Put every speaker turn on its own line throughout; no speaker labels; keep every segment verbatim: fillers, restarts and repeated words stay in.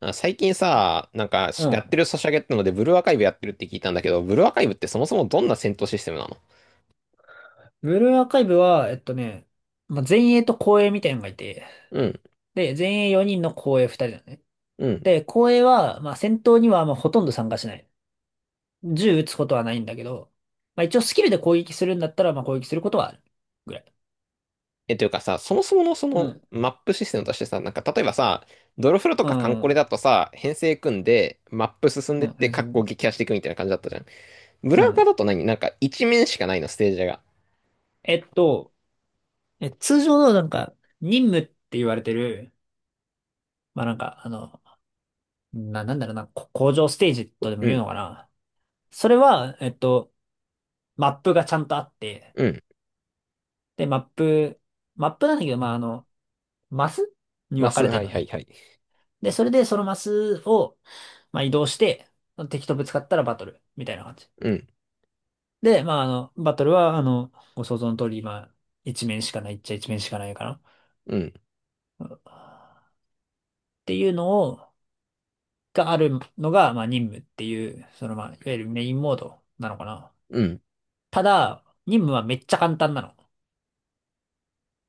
あ、最近さ、なんかし
う
や
ん。
ってるソシャゲってので、ブルーアーカイブやってるって聞いたんだけど、ブルーアーカイブってそもそもどんな戦闘システムなの？
ブルーアーカイブは、えっとね、まあ、前衛と後衛みたいなのがいて、
うん、
で、前衛よにんの後衛ふたりだね。
うん。
で、後衛は、まあ、戦闘にはまあほとんど参加しない。銃撃つことはないんだけど、まあ、一応スキルで攻撃するんだったら、まあ、攻撃することはあるぐらい。
え、というかさ、そもそものそ
う
の
ん。
マップシステムとしてさ、なんか例えばさ、ドロフロと
う
かカンコレ
ん。
だとさ、編成組んでマップ進んで
う
っ
ん。
て、
全
カッコ
然
撃破していくみたいな感じだったじゃん。ブ
う
ルーアーカ
ん。
だと何なんか一面しかないの、ステージが？
えっと、え、通常のなんか、任務って言われてる、まあ、なんか、あの、な、なんだろうな、こ工場ステージとでも
う
言う
ん、
のかな。それは、えっと、マップがちゃんとあって、
うん。
で、マップ、マップなんだけど、まあ、あの、マスに
マ
分か
ス、
れて
は
る
い
の
はい
ね。
はい。
で、それでそのマスを、まあ、移動して、敵とぶつかったらバトル、みたいな感じ。
うん、
で、まあ、あの、バトルは、あの、ご想像の通り、まあ、一面しかないっちゃ一面しかないかな。っ
うん、
ていうのを、があるのが、まあ、任務っていう、その、まあ、いわゆるメインモードなのかな。
うん。
ただ、任務はめっちゃ簡単なの。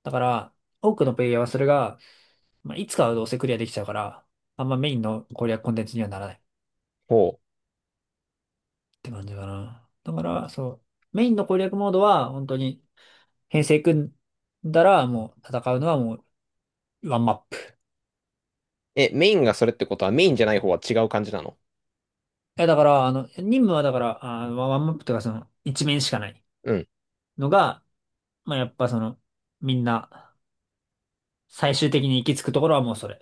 だから、多くのプレイヤーはそれが、まあ、いつかはどうせクリアできちゃうから、あんまメインの攻略コンテンツにはならない。
ほう。
って感じかな。だから、そう、メインの攻略モードは、本当に、編成組んだら、もう、戦うのはもう、ワンマップ。
え、メインがそれってことはメインじゃない方は違う感じなの？
え、だから、あの、任務はだから、あワワンマップというか、その、一面しかない
うん。
のが、まあ、やっぱその、みんな、最終的に行き着くところはもうそれ。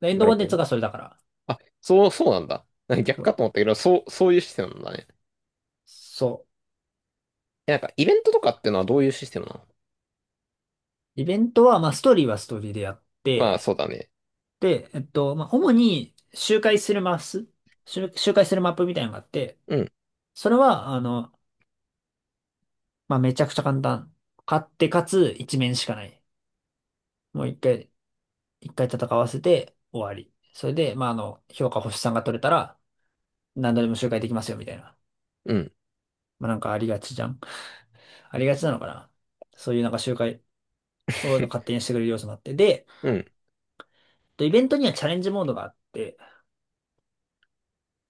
でエン
な
ド
る
コンテ
ほ
ンツ
ど。
がそれだから。
あ、そう、そうなんだ。なんか逆
そ
か
う
と思ったけど、そう、そういうシステムなんだね。
そう。
え、なんか、イベントとかってのはどういうシステムなの？
イベントは、まあ、ストーリーはストーリーでやっ
ま
て、
あ、そうだね。
で、えっと、まあ、主に、周回するマス、周周回するマップみたいなのがあって、
うん、
それは、あの、まあめちゃくちゃ簡単。勝ってかつ一面しかない。もう一回、一回戦わせて終わり。それで、まああの、評価星さんが取れたら何度でも周回できますよみたいな。
うん。
まあなんかありがちじゃん。ありがちなのかな。そういうなんか周回を勝 手にしてくれる要素もあって。で、
うん。
とイベントにはチャレンジモードがあって、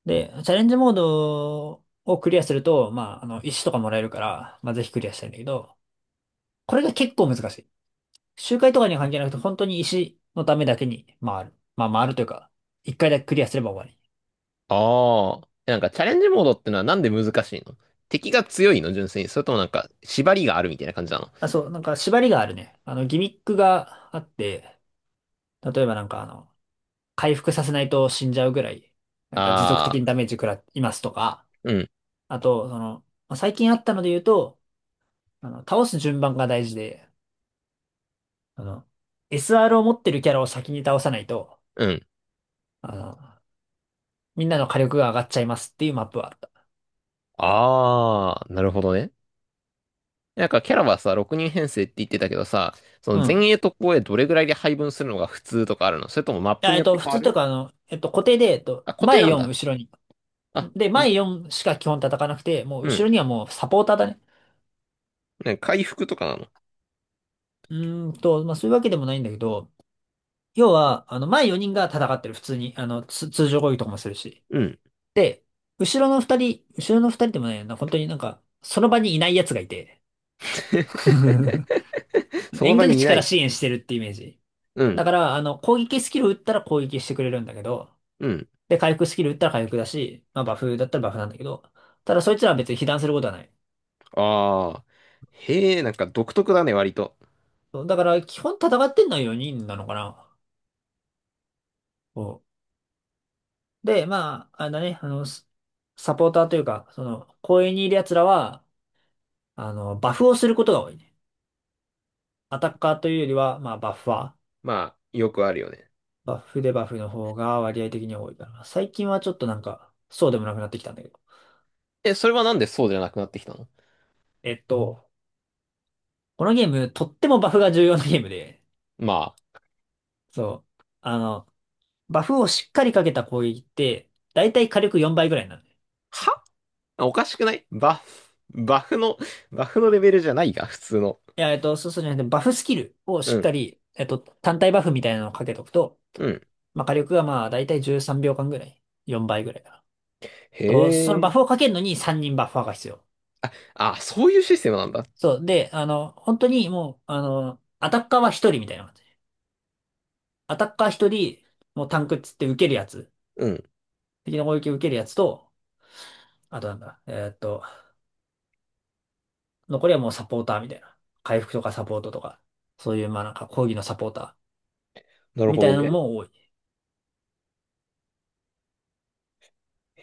で、チャレンジモードをクリアすると、まああの、石とかもらえるから、まあぜひクリアしたいんだけど、これが結構難しい。周回とかには関係なくて、本当に石のためだけに回る。まあ回るというか、一回だけクリアすれば終わり。
ああ。え、なんか、チャレンジモードってのはなんで難しいの？敵が強いの純粋に？それともなんか、縛りがあるみたいな感じなの？
あ、そう、なんか縛りがあるね。あの、ギミックがあって、例えばなんかあの、回復させないと死んじゃうぐらい、なんか持続的
あ
にダメージ食らいますとか、
あー、うん、
あと、その、まあ最近あったので言うと、あの、倒す順番が大事で、あの、エスアール を持ってるキャラを先に倒さないと、
うん。
あの、みんなの火力が上がっちゃいますっていうマップはあった。
ああ、なるほどね。なんか、キャラはさ、ろくにん編成って言ってたけどさ、そ
う
の
ん。
前衛と後衛どれぐらいで配分するのが普通とかあるの？それともマッ
い
プ
や、
に
えっ
よって
と、普
変わ
通という
る？
か、あの、えっと、固定で、えっと、
あ、固定
前
なん
よん、
だ。
後ろ
あ、
で、前よんしか基本叩かなくて、もう
う
後
ん、
ろにはもうサポーターだね。
ね、回復とかなの？
うーんと、まあそういうわけでもないんだけど、要は、あの、前よにんが戦ってる、普通に。あの、つ通常攻撃とかもするし。
うん。
で、後ろの2人、後ろのふたりでもないよな、本当になんか、その場にいない奴がいて。
その
遠
場
隔
にい
地
な
から
い。
支援してるってイメージ。
う
だ
ん。
から、あの、攻撃スキル打ったら攻撃してくれるんだけど、
うん。
で、回復スキル打ったら回復だし、まあバフだったらバフなんだけど、ただそいつらは別に被弾することはない。
ああ。へえ、なんか独特だね、割と。
そうだから、基本戦ってんのはよにんなのかな。で、まあ、あのね、あの、スサポーターというか、その、公園にいる奴らは、あの、バフをすることが多いね。アタッカーというよりは、まあ、バッファー。
まあ、よくあるよね。
バフでバフの方が割合的に多いから。最近はちょっとなんか、そうでもなくなってきたんだけど。
え、それはなんでそうじゃなくなってきたの？
えっと、このゲーム、とってもバフが重要なゲームで、
まあ、
そう。あの、バフをしっかりかけた攻撃って、だいたい火力よんばいぐらいなの。
は、おかしくないバフ、バフの、バフのレベルじゃないが、普通の。
いや、えっと、そうそうじゃなくて、バフスキルをし
う
っか
ん。
り、えっと、単体バフみたいなのをかけとくと、
うん。
まあ、火力がまあ、だいたいじゅうさんびょうかんぐらい。よんばいぐらいかな。と、そ
へ
のバフを
え。
かけるのにさんにんバッファーが必要。
あ、そういうシステムなんだ。
そう。で、あの、本当にもう、あの、アタッカーはひとりみたいな感じ。アタッカーひとり、もうタンクっつって受けるやつ。
うん。
敵の攻撃を受けるやつと、あとなんだ、えーっと、残りはもうサポーターみたいな。回復とかサポートとか、そういうまあなんか講義のサポータ
なる
ーみ
ほ
たい
ど
なの
ね。
も多い。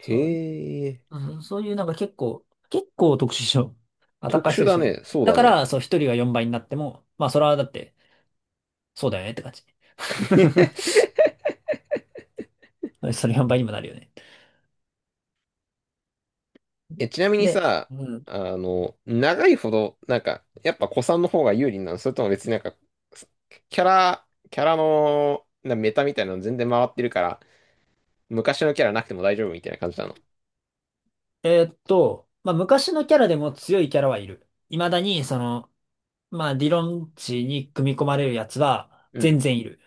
そう。
え。
うんそういうなんか結構、結構特殊症。まあ、高
特
い人
殊
でし
だ
かいな
ね。
い
そう
だ
だ
か
ね。
ら、そう、一人がよんばいになっても、まあ、それはだって、そうだよねって感じ。それよんばいにもなるよね。
え、ちなみに
で、
さ、
うん。
あの、長いほど、なんか、やっぱ古参の方が有利なの？それとも別になんか、キャラ、キャラの、なメタみたいなの全然回ってるから、昔のキャラなくても大丈夫みたいな感じなの？
えーっと、まあ、昔のキャラでも強いキャラはいる。未だに、その、まあ、理論値に組み込まれるやつは
うん。
全然いる。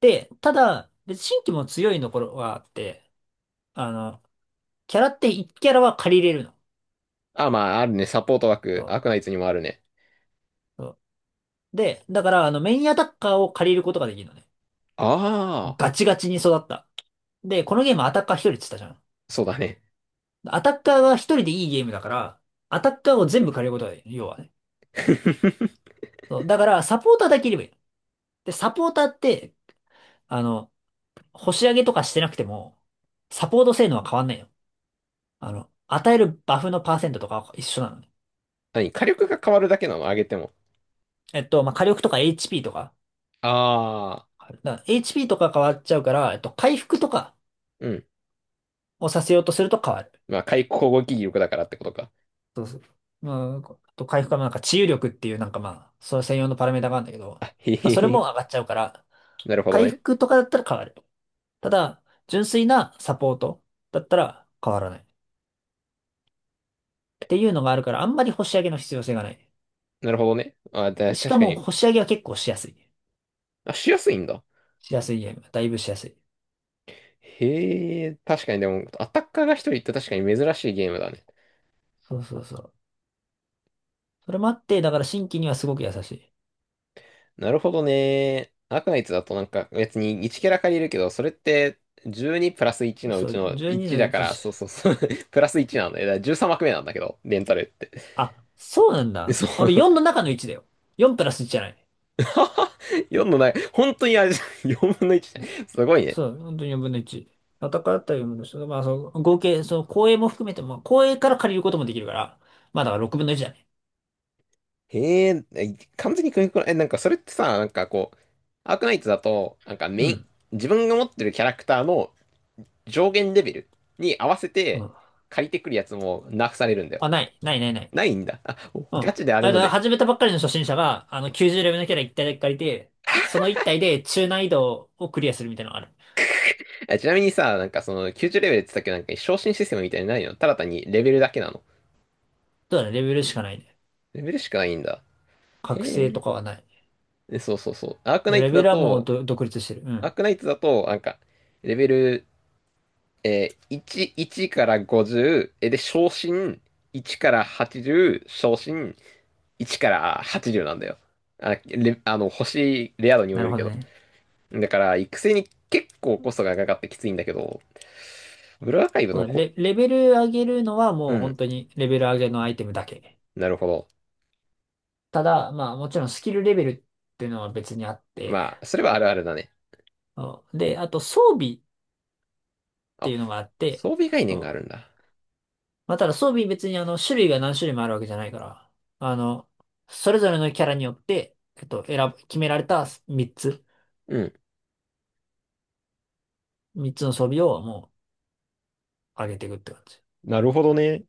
で、ただ、別に新規も強いの頃はあって、あの、キャラっていちキャラは借りれるの。
あ、まあ、あるね。サポート
そ
枠、アークナ
う。
イツにもあるね。
そうで、だから、あの、メインアタッカーを借りることができるのね。
ああ、
ガチガチに育った。で、このゲームアタッカー一人って言ったじゃん。
そうだね。
アタッカーが一人でいいゲームだから、アタッカーを全部借りることができる。要はね。そうだから、サポーターだけいればいいの。で、サポーターって、あの、星上げとかしてなくても、サポート性能は変わんないよ。あの、与えるバフのパーセントとかは一緒なのね。
何、火力が変わるだけなの、上げても？
えっと、まあ、火力とか エイチピー とか。
ああ、
だから エイチピー とか変わっちゃうから、えっと、回復とか
うん。
をさせようとすると変わる。
まあ、回攻撃力だからってことか。
そうそう。まあ、あと回復はなんか治癒力っていうなんかまあ、それ専用のパラメータがあるんだけど、ま
あ、へ
あ、
へ
それも
へ。
上がっちゃうから、
なるほど
回
ね。
復とかだったら変わる。ただ、純粋なサポートだったら変わらない。っていうのがあるから、あんまり星上げの必要性がない。
なるほどね。あ、だ、
でし
確
か
か
も、
に。
星上げは結構しやすい。
あ、しやすいんだ。
しやすいゲーム。だいぶしやすい。
へえ、確かにでも、アタッカーが一人って確かに珍しいゲームだね。
そうそうそう。それもあって、だから新規にはすごく優しい。
なるほどね。アーカナイツだとなんか別にいちキャラ借りるけど、それってじゅうにプラスいちのう
そ
ち
う、
の
じゅうに
いち
の
だか
いち。
ら、そうそうそう、プラスいちなんだよ。だからじゅうさん幕目なんだけど、レンタルって。
あ、そうなん
え
だ。
そ
俺よん
う。
の中のいちだよ。よんプラスいちじゃない。
よんのない、本当にあれ、よんぶんのいち。すごいね。
そう、本当によんぶんのいち。戦ったよんぶんのいち。まあ、その合計、その公営も含めても、公営から借りることもできるから、まあだからろくぶんのいちだね。
へえ、え、完全に組み込まえ、なんかそれってさ、なんかこう、アークナイツだと、なんかメ
う
イン、
ん。
自分が持ってるキャラクターの上限レベルに合わせ
う
て
ん。
借りてくるやつもナーフされるんだよ。
あ、ない、ない、ない、な
な
い。
いんだ。あ、
う
ガ
ん。
チであ
あ
れ
れ
の
だ、
で。
始めたばっかりの初心者が、あの、きゅうじゅうレベルのキャラいち体だけ借りて、そのいち体で中難易度をクリアするみたいなのがある。
ちなみにさ、なんかそのきゅうじゅうレベルって言ったけど、なんか昇進システムみたいにないの？ただ単にレベルだけなの？
そうだね、レベルしかないね。
レベルしかないんだ。へ
覚醒と
え。
かはない。
そうそうそう。アークナイ
レ
ト
ベ
だ
ルはもう
と、
ど独立してる。う
アー
ん。
クナイトだと、なんか、レベル、えー、いち、いちからごじゅう、え、で、昇進いちからはちじゅう、昇進いちからはちじゅうなんだよ。あ、レ、あの、星、レア度にも
な
よ
る
る
ほ
け
ど
ど。
ね。
だから、育成に結構コストがかかってきついんだけど、ブルーアーカイブ
そう
の
だね、
こ、
レ、レベル上げるのは
う
もう
ん、
本当にレベル上げのアイテムだけ。
なるほど。
ただ、まあもちろんスキルレベルっていうのは別にあって、
まあ、それはあるあるだね。
そうで、あと装備って
あ、
いうのがあっ
装
て、
備概念
そ
があ
う
るんだ。
まあただ装備別にあの種類が何種類もあるわけじゃないから、あの、それぞれのキャラによって、えっと、選ぶ、決められた3つ、
うん、
みっつの装備をもう上げていくって感じ。
なるほどね。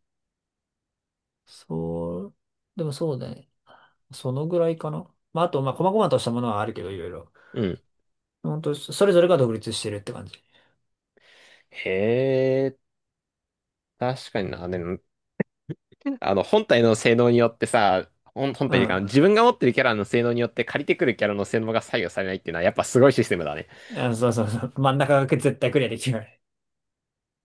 そう、でもそうだね。そのぐらいかな。まああと、まあ細々としたものはあるけど、いろいろ。
うん。
本当それぞれが独立してるって感じ。
へえ、確かにな。でも、あの、本体の性能によってさ、本、本
う
体というか、
ん。
自分が持ってるキャラの性能によって借りてくるキャラの性能が左右されないっていうのは、やっぱすごいシステムだね。
あ、そうそうそう。真ん中が絶対クリアできない。